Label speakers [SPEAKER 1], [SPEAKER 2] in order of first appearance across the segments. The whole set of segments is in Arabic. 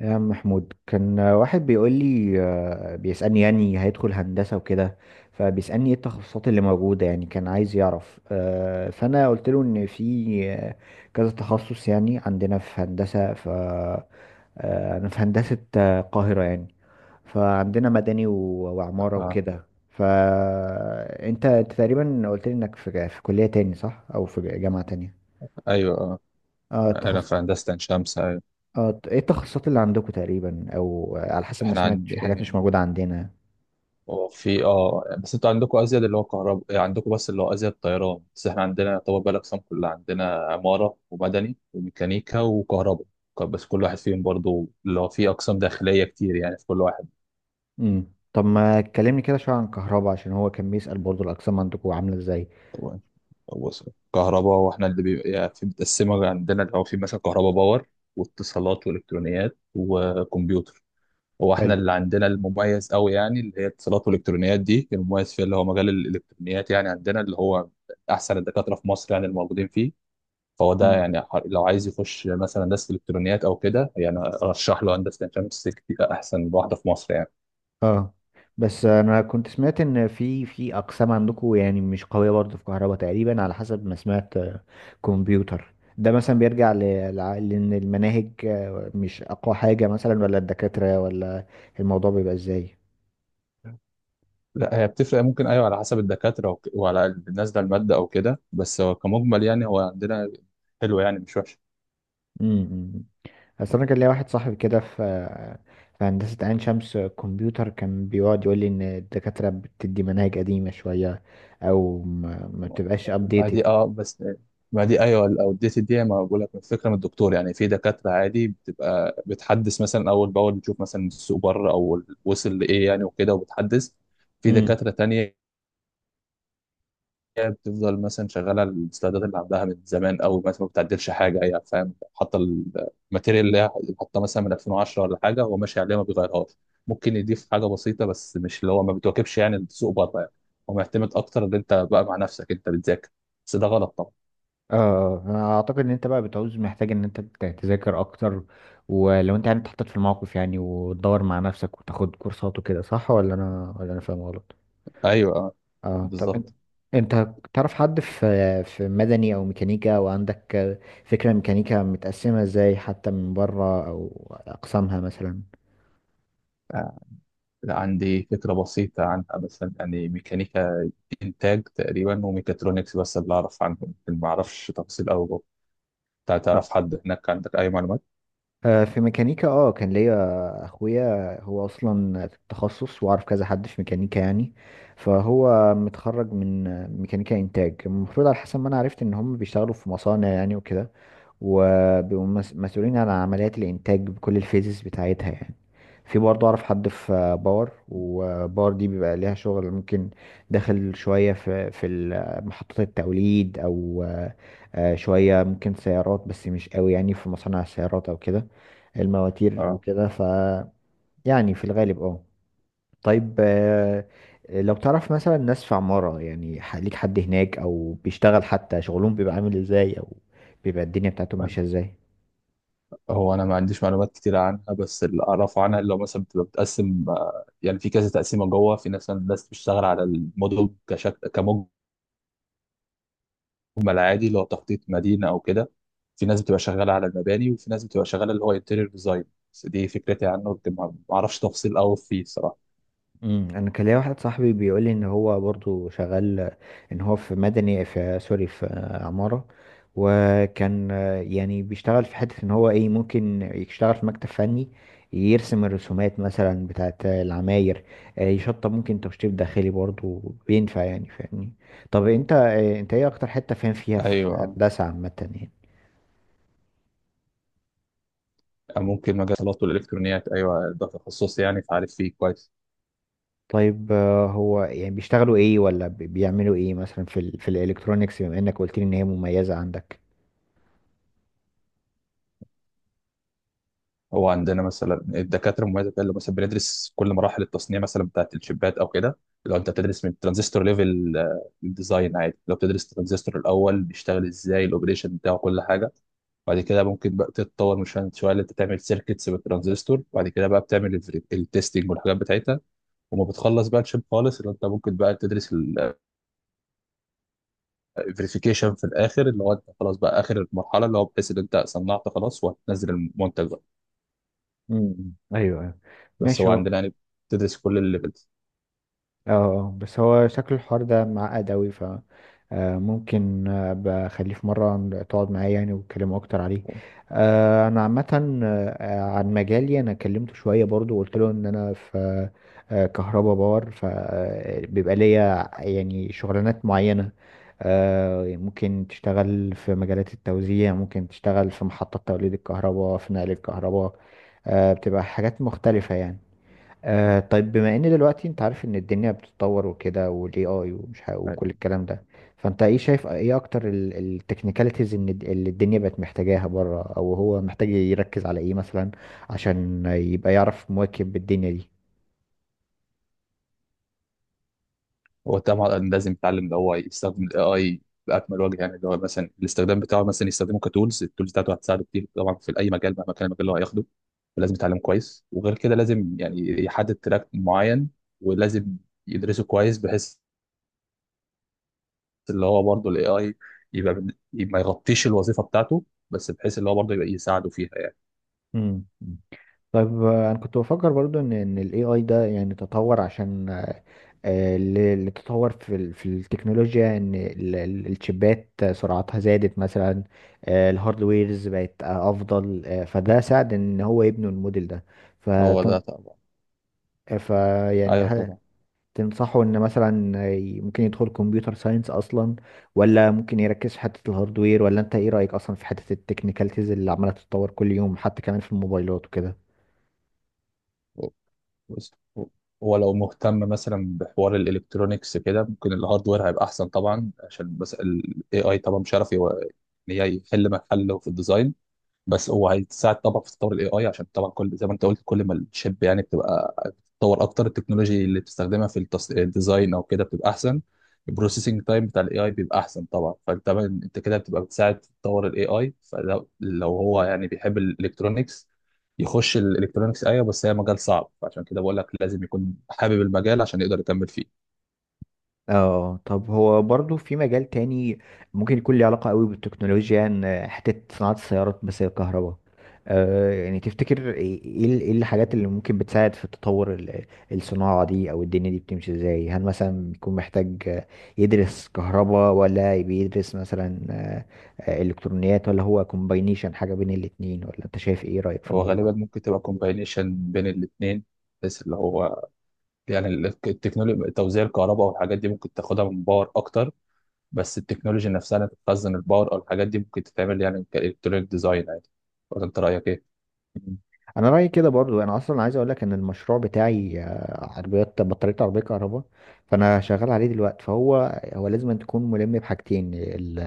[SPEAKER 1] يا عم محمود، كان واحد بيقول لي، بيسألني يعني هيدخل هندسة وكده. فبيسألني ايه التخصصات اللي موجودة؟ يعني كان عايز يعرف. فأنا قلت له إن في كذا تخصص، يعني عندنا في هندسة. ف آه، أنا في هندسة القاهرة يعني. فعندنا مدني وعمارة
[SPEAKER 2] اه
[SPEAKER 1] وكده. فأنت تقريبا قلت لي إنك في كلية تاني، صح؟ أو في جامعة تانية.
[SPEAKER 2] ايوه اه
[SPEAKER 1] اه
[SPEAKER 2] انا في هندسه عين شمس، ايوه.
[SPEAKER 1] اه. ايه التخصصات اللي عندكم تقريبا؟ او على حسب ما
[SPEAKER 2] احنا
[SPEAKER 1] سمعت،
[SPEAKER 2] عند
[SPEAKER 1] في حاجات مش موجودة عندنا.
[SPEAKER 2] هو في بس انتوا عندكم ازيد اللي هو كهرباء، عندكم بس اللي هو ازيد طيران، بس احنا عندنا يعتبر بقى الاقسام كلها عندنا: عماره ومدني وميكانيكا وكهرباء. بس كل واحد فيهم برضو اللي هو في اقسام داخليه كتير يعني في كل واحد.
[SPEAKER 1] طب ما تكلمني كده شوية عن كهرباء، عشان هو كان بيسأل برضو الأقسام عندكم عاملة ازاي.
[SPEAKER 2] هو- هو كهرباء واحنا اللي بيبقى يعني في متقسمه عندنا اللي هو في مثلا كهرباء باور واتصالات والكترونيات وكمبيوتر. هو احنا
[SPEAKER 1] حلو.
[SPEAKER 2] اللي عندنا المميز قوي يعني اللي هي اتصالات والالكترونيات دي المميز فيها اللي هو مجال الالكترونيات، يعني عندنا اللي هو احسن الدكاتره في مصر يعني الموجودين فيه. فهو ده
[SPEAKER 1] مم.
[SPEAKER 2] يعني لو عايز يخش مثلا هندسه الكترونيات او كده، يعني ارشح له هندسه الشمس، كتير احسن واحده في مصر يعني.
[SPEAKER 1] اه، بس انا كنت سمعت ان في اقسام عندكم يعني مش قويه برضه في كهرباء، تقريبا على حسب ما سمعت. كمبيوتر ده مثلا بيرجع لان المناهج مش اقوى حاجه مثلا، ولا الدكاتره، ولا الموضوع بيبقى ازاي؟
[SPEAKER 2] لا، هي بتفرق، ممكن ايوه على حسب الدكاتره وعلى نازله الماده او كده، بس هو كمجمل يعني هو عندنا حلو يعني، مش وحش.
[SPEAKER 1] امم اصل انا كان ليا واحد صاحبي كده في هندسه عين شمس كمبيوتر، كان بيقعد يقول لي ان الدكاتره بتدي مناهج قديمه شويه، او ما بتبقاش
[SPEAKER 2] ما
[SPEAKER 1] updated.
[SPEAKER 2] دي بس، ما دي ايوه الاوديت دي، ما بقول لك الفكره من الدكتور يعني، في دكاتره عادي بتبقى بتحدث مثلا اول باول، بتشوف مثلا السوق بره او وصل لايه يعني وكده وبتحدث. في
[SPEAKER 1] امم
[SPEAKER 2] دكاتره تانية بتفضل مثلا شغاله السلايدات اللي عندها من زمان، او مثلا ما بتعدلش حاجه هي يعني، فاهم، حاطه الماتيريال اللي هي حاطه مثلا من 2010 ولا حاجه، هو ماشي عليها ما بيغيرهاش. ممكن يضيف حاجه بسيطه، بس مش اللي هو ما بتواكبش يعني السوق بره يعني. هو معتمد اكتر ان انت بقى مع نفسك انت بتذاكر، بس ده غلط طبعا.
[SPEAKER 1] اه، انا اعتقد ان انت بقى بتعوز محتاج ان انت تذاكر اكتر، ولو انت يعني اتحطيت في الموقف، يعني وتدور مع نفسك وتاخد كورسات وكده، صح ولا انا فاهم غلط؟
[SPEAKER 2] ايوه،
[SPEAKER 1] اه، طب انت
[SPEAKER 2] بالظبط.
[SPEAKER 1] انت تعرف حد في مدني او ميكانيكا، وعندك فكرة ميكانيكا متقسمة ازاي حتى من بره، او اقسامها مثلا؟
[SPEAKER 2] آه، عندي فكره بسيطه عنها، مثلا يعني ميكانيكا انتاج تقريبا وميكاترونكس، بس اللي اعرف عنهم، ما اعرفش تفاصيل قوي جوه.
[SPEAKER 1] لا.
[SPEAKER 2] تعرف حد هناك؟ عندك اي معلومات؟
[SPEAKER 1] في ميكانيكا كان ليا اخويا، هو اصلا في التخصص، واعرف كذا حد في ميكانيكا يعني. فهو متخرج من ميكانيكا انتاج، المفروض على حسب ما انا عرفت ان هم بيشتغلوا في مصانع يعني وكده، وبيبقوا مسؤولين عن عمليات الانتاج بكل الفيزز بتاعتها يعني. في برضه اعرف حد في باور، وباور دي بيبقى ليها شغل، ممكن داخل شوية في محطات التوليد، او شوية ممكن سيارات، بس مش قوي يعني في مصانع السيارات او كده، المواتير
[SPEAKER 2] اه.
[SPEAKER 1] وكده. يعني في الغالب. اه، طيب، لو تعرف مثلا ناس في عمارة يعني، ليك حد هناك، او بيشتغل؟ حتى شغلهم بيبقى عامل ازاي، او بيبقى الدنيا بتاعتهم ماشية ازاي؟
[SPEAKER 2] هو انا ما عنديش معلومات كتير عنها، بس اللي اعرفه عنها اللي هو مثلا بتبقى بتقسم، يعني في كذا تقسيمه جوه، في ناس بتشتغل على الموديل كشكل كموج، هم العادي اللي هو تخطيط مدينه او كده، في ناس بتبقى شغاله على المباني، وفي ناس بتبقى شغاله اللي هو انتيريور ديزاين. بس دي فكرتي عنه، لكن ما اعرفش تفاصيل قوي فيه صراحه.
[SPEAKER 1] انا كان ليا واحد صاحبي بيقول لي ان هو برضو شغال، ان هو في مدني، في سوري، في عمارة. وكان يعني بيشتغل في حتة، ان هو ايه، ممكن يشتغل في مكتب فني يرسم الرسومات مثلا بتاعت العماير. يشطب، ممكن تشطيب داخلي برضو بينفع، يعني فاهمني؟ طب انت ايه اكتر حتة فاهم فيها في
[SPEAKER 2] ايوه،
[SPEAKER 1] هندسة عامة يعني؟
[SPEAKER 2] ممكن مجال الاتصالات والالكترونيات، ايوه ده تخصصي يعني فعارف فيه كويس.
[SPEAKER 1] طيب، هو يعني بيشتغلوا ايه، ولا بيعملوا ايه مثلا في في الالكترونيكس، بما انك قلت لي ان هي مميزة عندك؟
[SPEAKER 2] هو عندنا مثلا الدكاتره المميزه اللي مثلا بندرس كل مراحل التصنيع مثلا بتاعت الشيبات او كده. لو انت بتدرس من ترانزستور ليفل الديزاين عادي، لو بتدرس الترانزستور الاول بيشتغل ازاي، الاوبريشن بتاعه، كل حاجه. بعد كده ممكن بقى تتطور من شويه شوية اللي انت تعمل سيركتس بالترانزستور، وبعد كده بقى بتعمل التستنج والحاجات بتاعتها. وما بتخلص بقى الشيب خالص، اللي انت ممكن بقى تدرس الفيريفيكيشن في الاخر، اللي هو انت خلاص بقى اخر المرحله اللي هو بحيث ان انت صنعت خلاص، وهتنزل المنتج بقى.
[SPEAKER 1] امم ايوه، أيوة.
[SPEAKER 2] بس
[SPEAKER 1] ماشي
[SPEAKER 2] هو
[SPEAKER 1] هو.
[SPEAKER 2] عندنا يعني بتدرس كل الليفلز.
[SPEAKER 1] اه، بس هو شكل الحوار ده معقد اوي. ف آه، ممكن بخليه في مرة تقعد معايا، يعني وتكلموا أكتر عليه. أنا عامة عن مجالي، أنا كلمته شوية برضو، وقلت له إن أنا في كهرباء باور، فبيبقى ليا يعني شغلانات معينة. ممكن تشتغل في مجالات التوزيع، ممكن تشتغل في محطات توليد الكهرباء، في نقل الكهرباء. بتبقى حاجات مختلفة يعني. آه، طيب، بما ان دلوقتي انت عارف ان الدنيا بتتطور وكده، والاي اي، وكل الكلام ده. فانت ايه شايف، ايه اكتر التكنيكاليتيز ان اللي الدنيا بقت محتاجاها بره، او هو محتاج يركز على ايه مثلا، عشان يبقى يعرف مواكب الدنيا دي؟
[SPEAKER 2] هو طبعا لازم يتعلم اللي هو يستخدم الاي اي باكمل وجه، يعني اللي هو مثلا الاستخدام بتاعه، مثلا يستخدمه كتولز، التولز بتاعته هتساعده كتير طبعا في اي مجال مهما كان المجال اللي هو هياخده. فلازم يتعلم كويس. وغير كده لازم يعني يحدد تراك معين، ولازم يدرسه كويس، بحيث اللي هو برضه الاي اي يبقى ما يغطيش الوظيفه بتاعته، بس بحيث اللي هو برضه يبقى يساعده فيها يعني.
[SPEAKER 1] امم طيب، انا كنت بفكر برضو ان الاي اي ده يعني تطور، عشان اللي تطور في في التكنولوجيا، ان الشيبات سرعتها زادت مثلا. الهاردويرز بقت افضل. فده ساعد ان هو يبنوا الموديل ده. ف
[SPEAKER 2] هو ده طبعا.
[SPEAKER 1] ف يعني،
[SPEAKER 2] ايوه
[SPEAKER 1] هل
[SPEAKER 2] طبعا.
[SPEAKER 1] تنصحوا ان مثلا ممكن يدخل كمبيوتر ساينس اصلا، ولا ممكن يركز في حتة الهاردوير؟ ولا انت ايه رأيك اصلا في حتة التكنيكاليتيز اللي عمالة تتطور كل يوم، حتى كمان في الموبايلات وكده؟
[SPEAKER 2] بس هو هو لو مهتم مثلا بحوار الالكترونيكس كده، ممكن الهاردوير هيبقى احسن طبعا، عشان بس الاي اي طبعا مش عارف ان هي يحل محله في الديزاين. بس هو هيساعد طبعا في تطور الاي اي، عشان طبعا كل زي ما انت قلت، كل ما الشيب يعني بتبقى بتتطور اكتر، التكنولوجي اللي بتستخدمها في الديزاين او كده بتبقى احسن، البروسيسنج تايم بتاع الاي اي بيبقى احسن طبعا. انت كده بتبقى بتساعد في تطور الاي اي. فلو هو يعني بيحب الالكترونكس يخش الالكترونكس، ايوه، بس هي مجال صعب، فعشان كده بقول لك لازم يكون حابب المجال عشان يقدر يكمل فيه.
[SPEAKER 1] اه، طب هو برضو في مجال تاني، ممكن يكون ليه علاقة قوي بالتكنولوجيا، ان حتة صناعة السيارات، بس هي الكهرباء. آه، يعني تفتكر ايه، إيه الحاجات اللي ممكن بتساعد في تطور الصناعة دي، او الدنيا دي بتمشي ازاي؟ هل مثلا بيكون محتاج يدرس كهرباء، ولا بيدرس مثلا الكترونيات، ولا هو كومباينيشن حاجة بين الاتنين؟ ولا انت شايف ايه رأيك في
[SPEAKER 2] هو
[SPEAKER 1] الموضوع؟
[SPEAKER 2] غالبا ممكن تبقى كومباينيشن بين الاثنين، بس اللي هو يعني التكنولوجيا توزيع الكهرباء والحاجات دي ممكن تاخدها من باور اكتر، بس التكنولوجيا نفسها اللي تخزن الباور او الحاجات دي ممكن تتعمل يعني كالكترونيك ديزاين عادي. ولا انت رايك ايه؟
[SPEAKER 1] مم. انا رايي كده، برضو انا اصلا عايز اقول لك ان المشروع بتاعي عربيات بطاريه، عربيه كهرباء، فانا شغال عليه دلوقتي. فهو لازم أن تكون ملم بحاجتين، ال-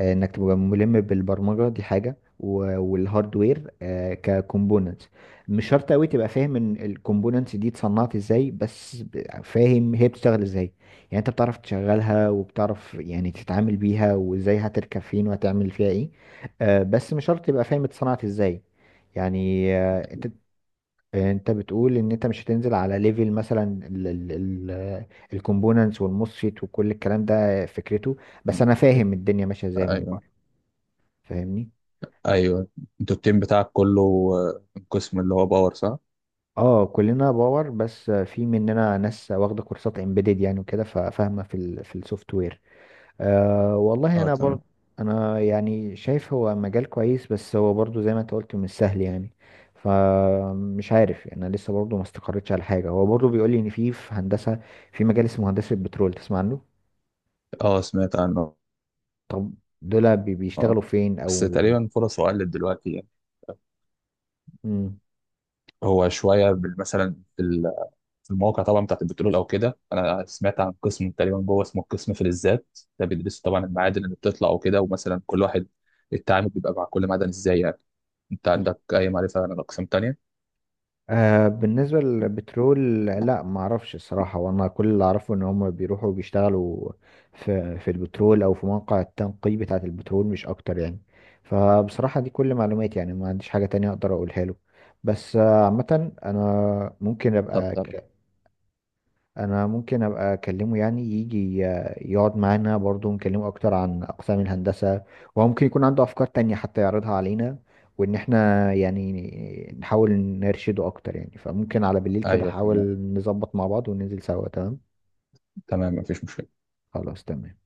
[SPEAKER 1] آه، انك تبقى ملم بالبرمجه، دي حاجه، والهاردوير ككومبوننتس. مش شرط قوي تبقى فاهم ان الكومبوننتس دي اتصنعت ازاي، بس فاهم هي بتشتغل ازاي. يعني انت بتعرف تشغلها، وبتعرف يعني تتعامل بيها، وازاي هتركب فين، وهتعمل فيها ايه. بس مش شرط تبقى فاهم اتصنعت ازاي. يعني انت بتقول ان انت مش هتنزل على ليفل مثلا الكومبوننتس والموسفيت وكل الكلام ده، فكرته. بس انا فاهم الدنيا ماشيه ازاي من
[SPEAKER 2] ايوه.
[SPEAKER 1] بره، فاهمني؟
[SPEAKER 2] ايوه، انتوا التيم بتاعك كله، آه، قسم اللي هو باور صح؟
[SPEAKER 1] اه، كلنا باور، بس في مننا ناس واخده كورسات امبيدد يعني وكده، ففاهمه في في السوفت وير. أه، والله
[SPEAKER 2] اه
[SPEAKER 1] انا
[SPEAKER 2] تمام.
[SPEAKER 1] برضه، انا يعني شايف هو مجال كويس، بس هو برضه زي ما انت قلت مش سهل يعني، فمش عارف يعني، انا لسه برضه ما استقريتش على حاجه. هو برضه بيقول لي ان في هندسه، في مجال اسمه هندسه بترول، تسمع عنه؟
[SPEAKER 2] اه سمعت عنه.
[SPEAKER 1] طب دول
[SPEAKER 2] اه،
[SPEAKER 1] بيشتغلوا فين
[SPEAKER 2] بس
[SPEAKER 1] او؟
[SPEAKER 2] تقريبا فرصه قلت دلوقتي يعني.
[SPEAKER 1] مم.
[SPEAKER 2] هو شويه مثلا المواقع طبعا بتاعت البترول او كده، انا سمعت عن قسم تقريبا جوه اسمه القسم فلزات، ده بيدرسوا طبعا المعادن اللي بتطلع وكده، ومثلا كل واحد التعامل بيبقى مع كل معدن ازاي يعني. انت عندك اي معرفه عن الاقسام التانيه؟
[SPEAKER 1] بالنسبة للبترول، لا، ما اعرفش الصراحة. وانا كل اللي اعرفه ان هم بيروحوا بيشتغلوا في البترول، او في مواقع التنقي بتاعة البترول، مش اكتر يعني. فبصراحة دي كل معلوماتي، يعني ما عنديش حاجة تانية اقدر اقولها له. بس عامة انا ممكن
[SPEAKER 2] طب
[SPEAKER 1] ابقى،
[SPEAKER 2] طب
[SPEAKER 1] اكلمه، يعني يجي يقعد معانا برضو، نكلمه اكتر عن اقسام الهندسة، وهو ممكن يكون عنده افكار تانية حتى يعرضها علينا، وان احنا يعني نحاول نرشده اكتر يعني. فممكن على بالليل كده
[SPEAKER 2] ايوه تمام.
[SPEAKER 1] احاول نظبط مع بعض وننزل سوا. تمام.
[SPEAKER 2] تمام، مفيش مشكله.
[SPEAKER 1] خلاص، تمام.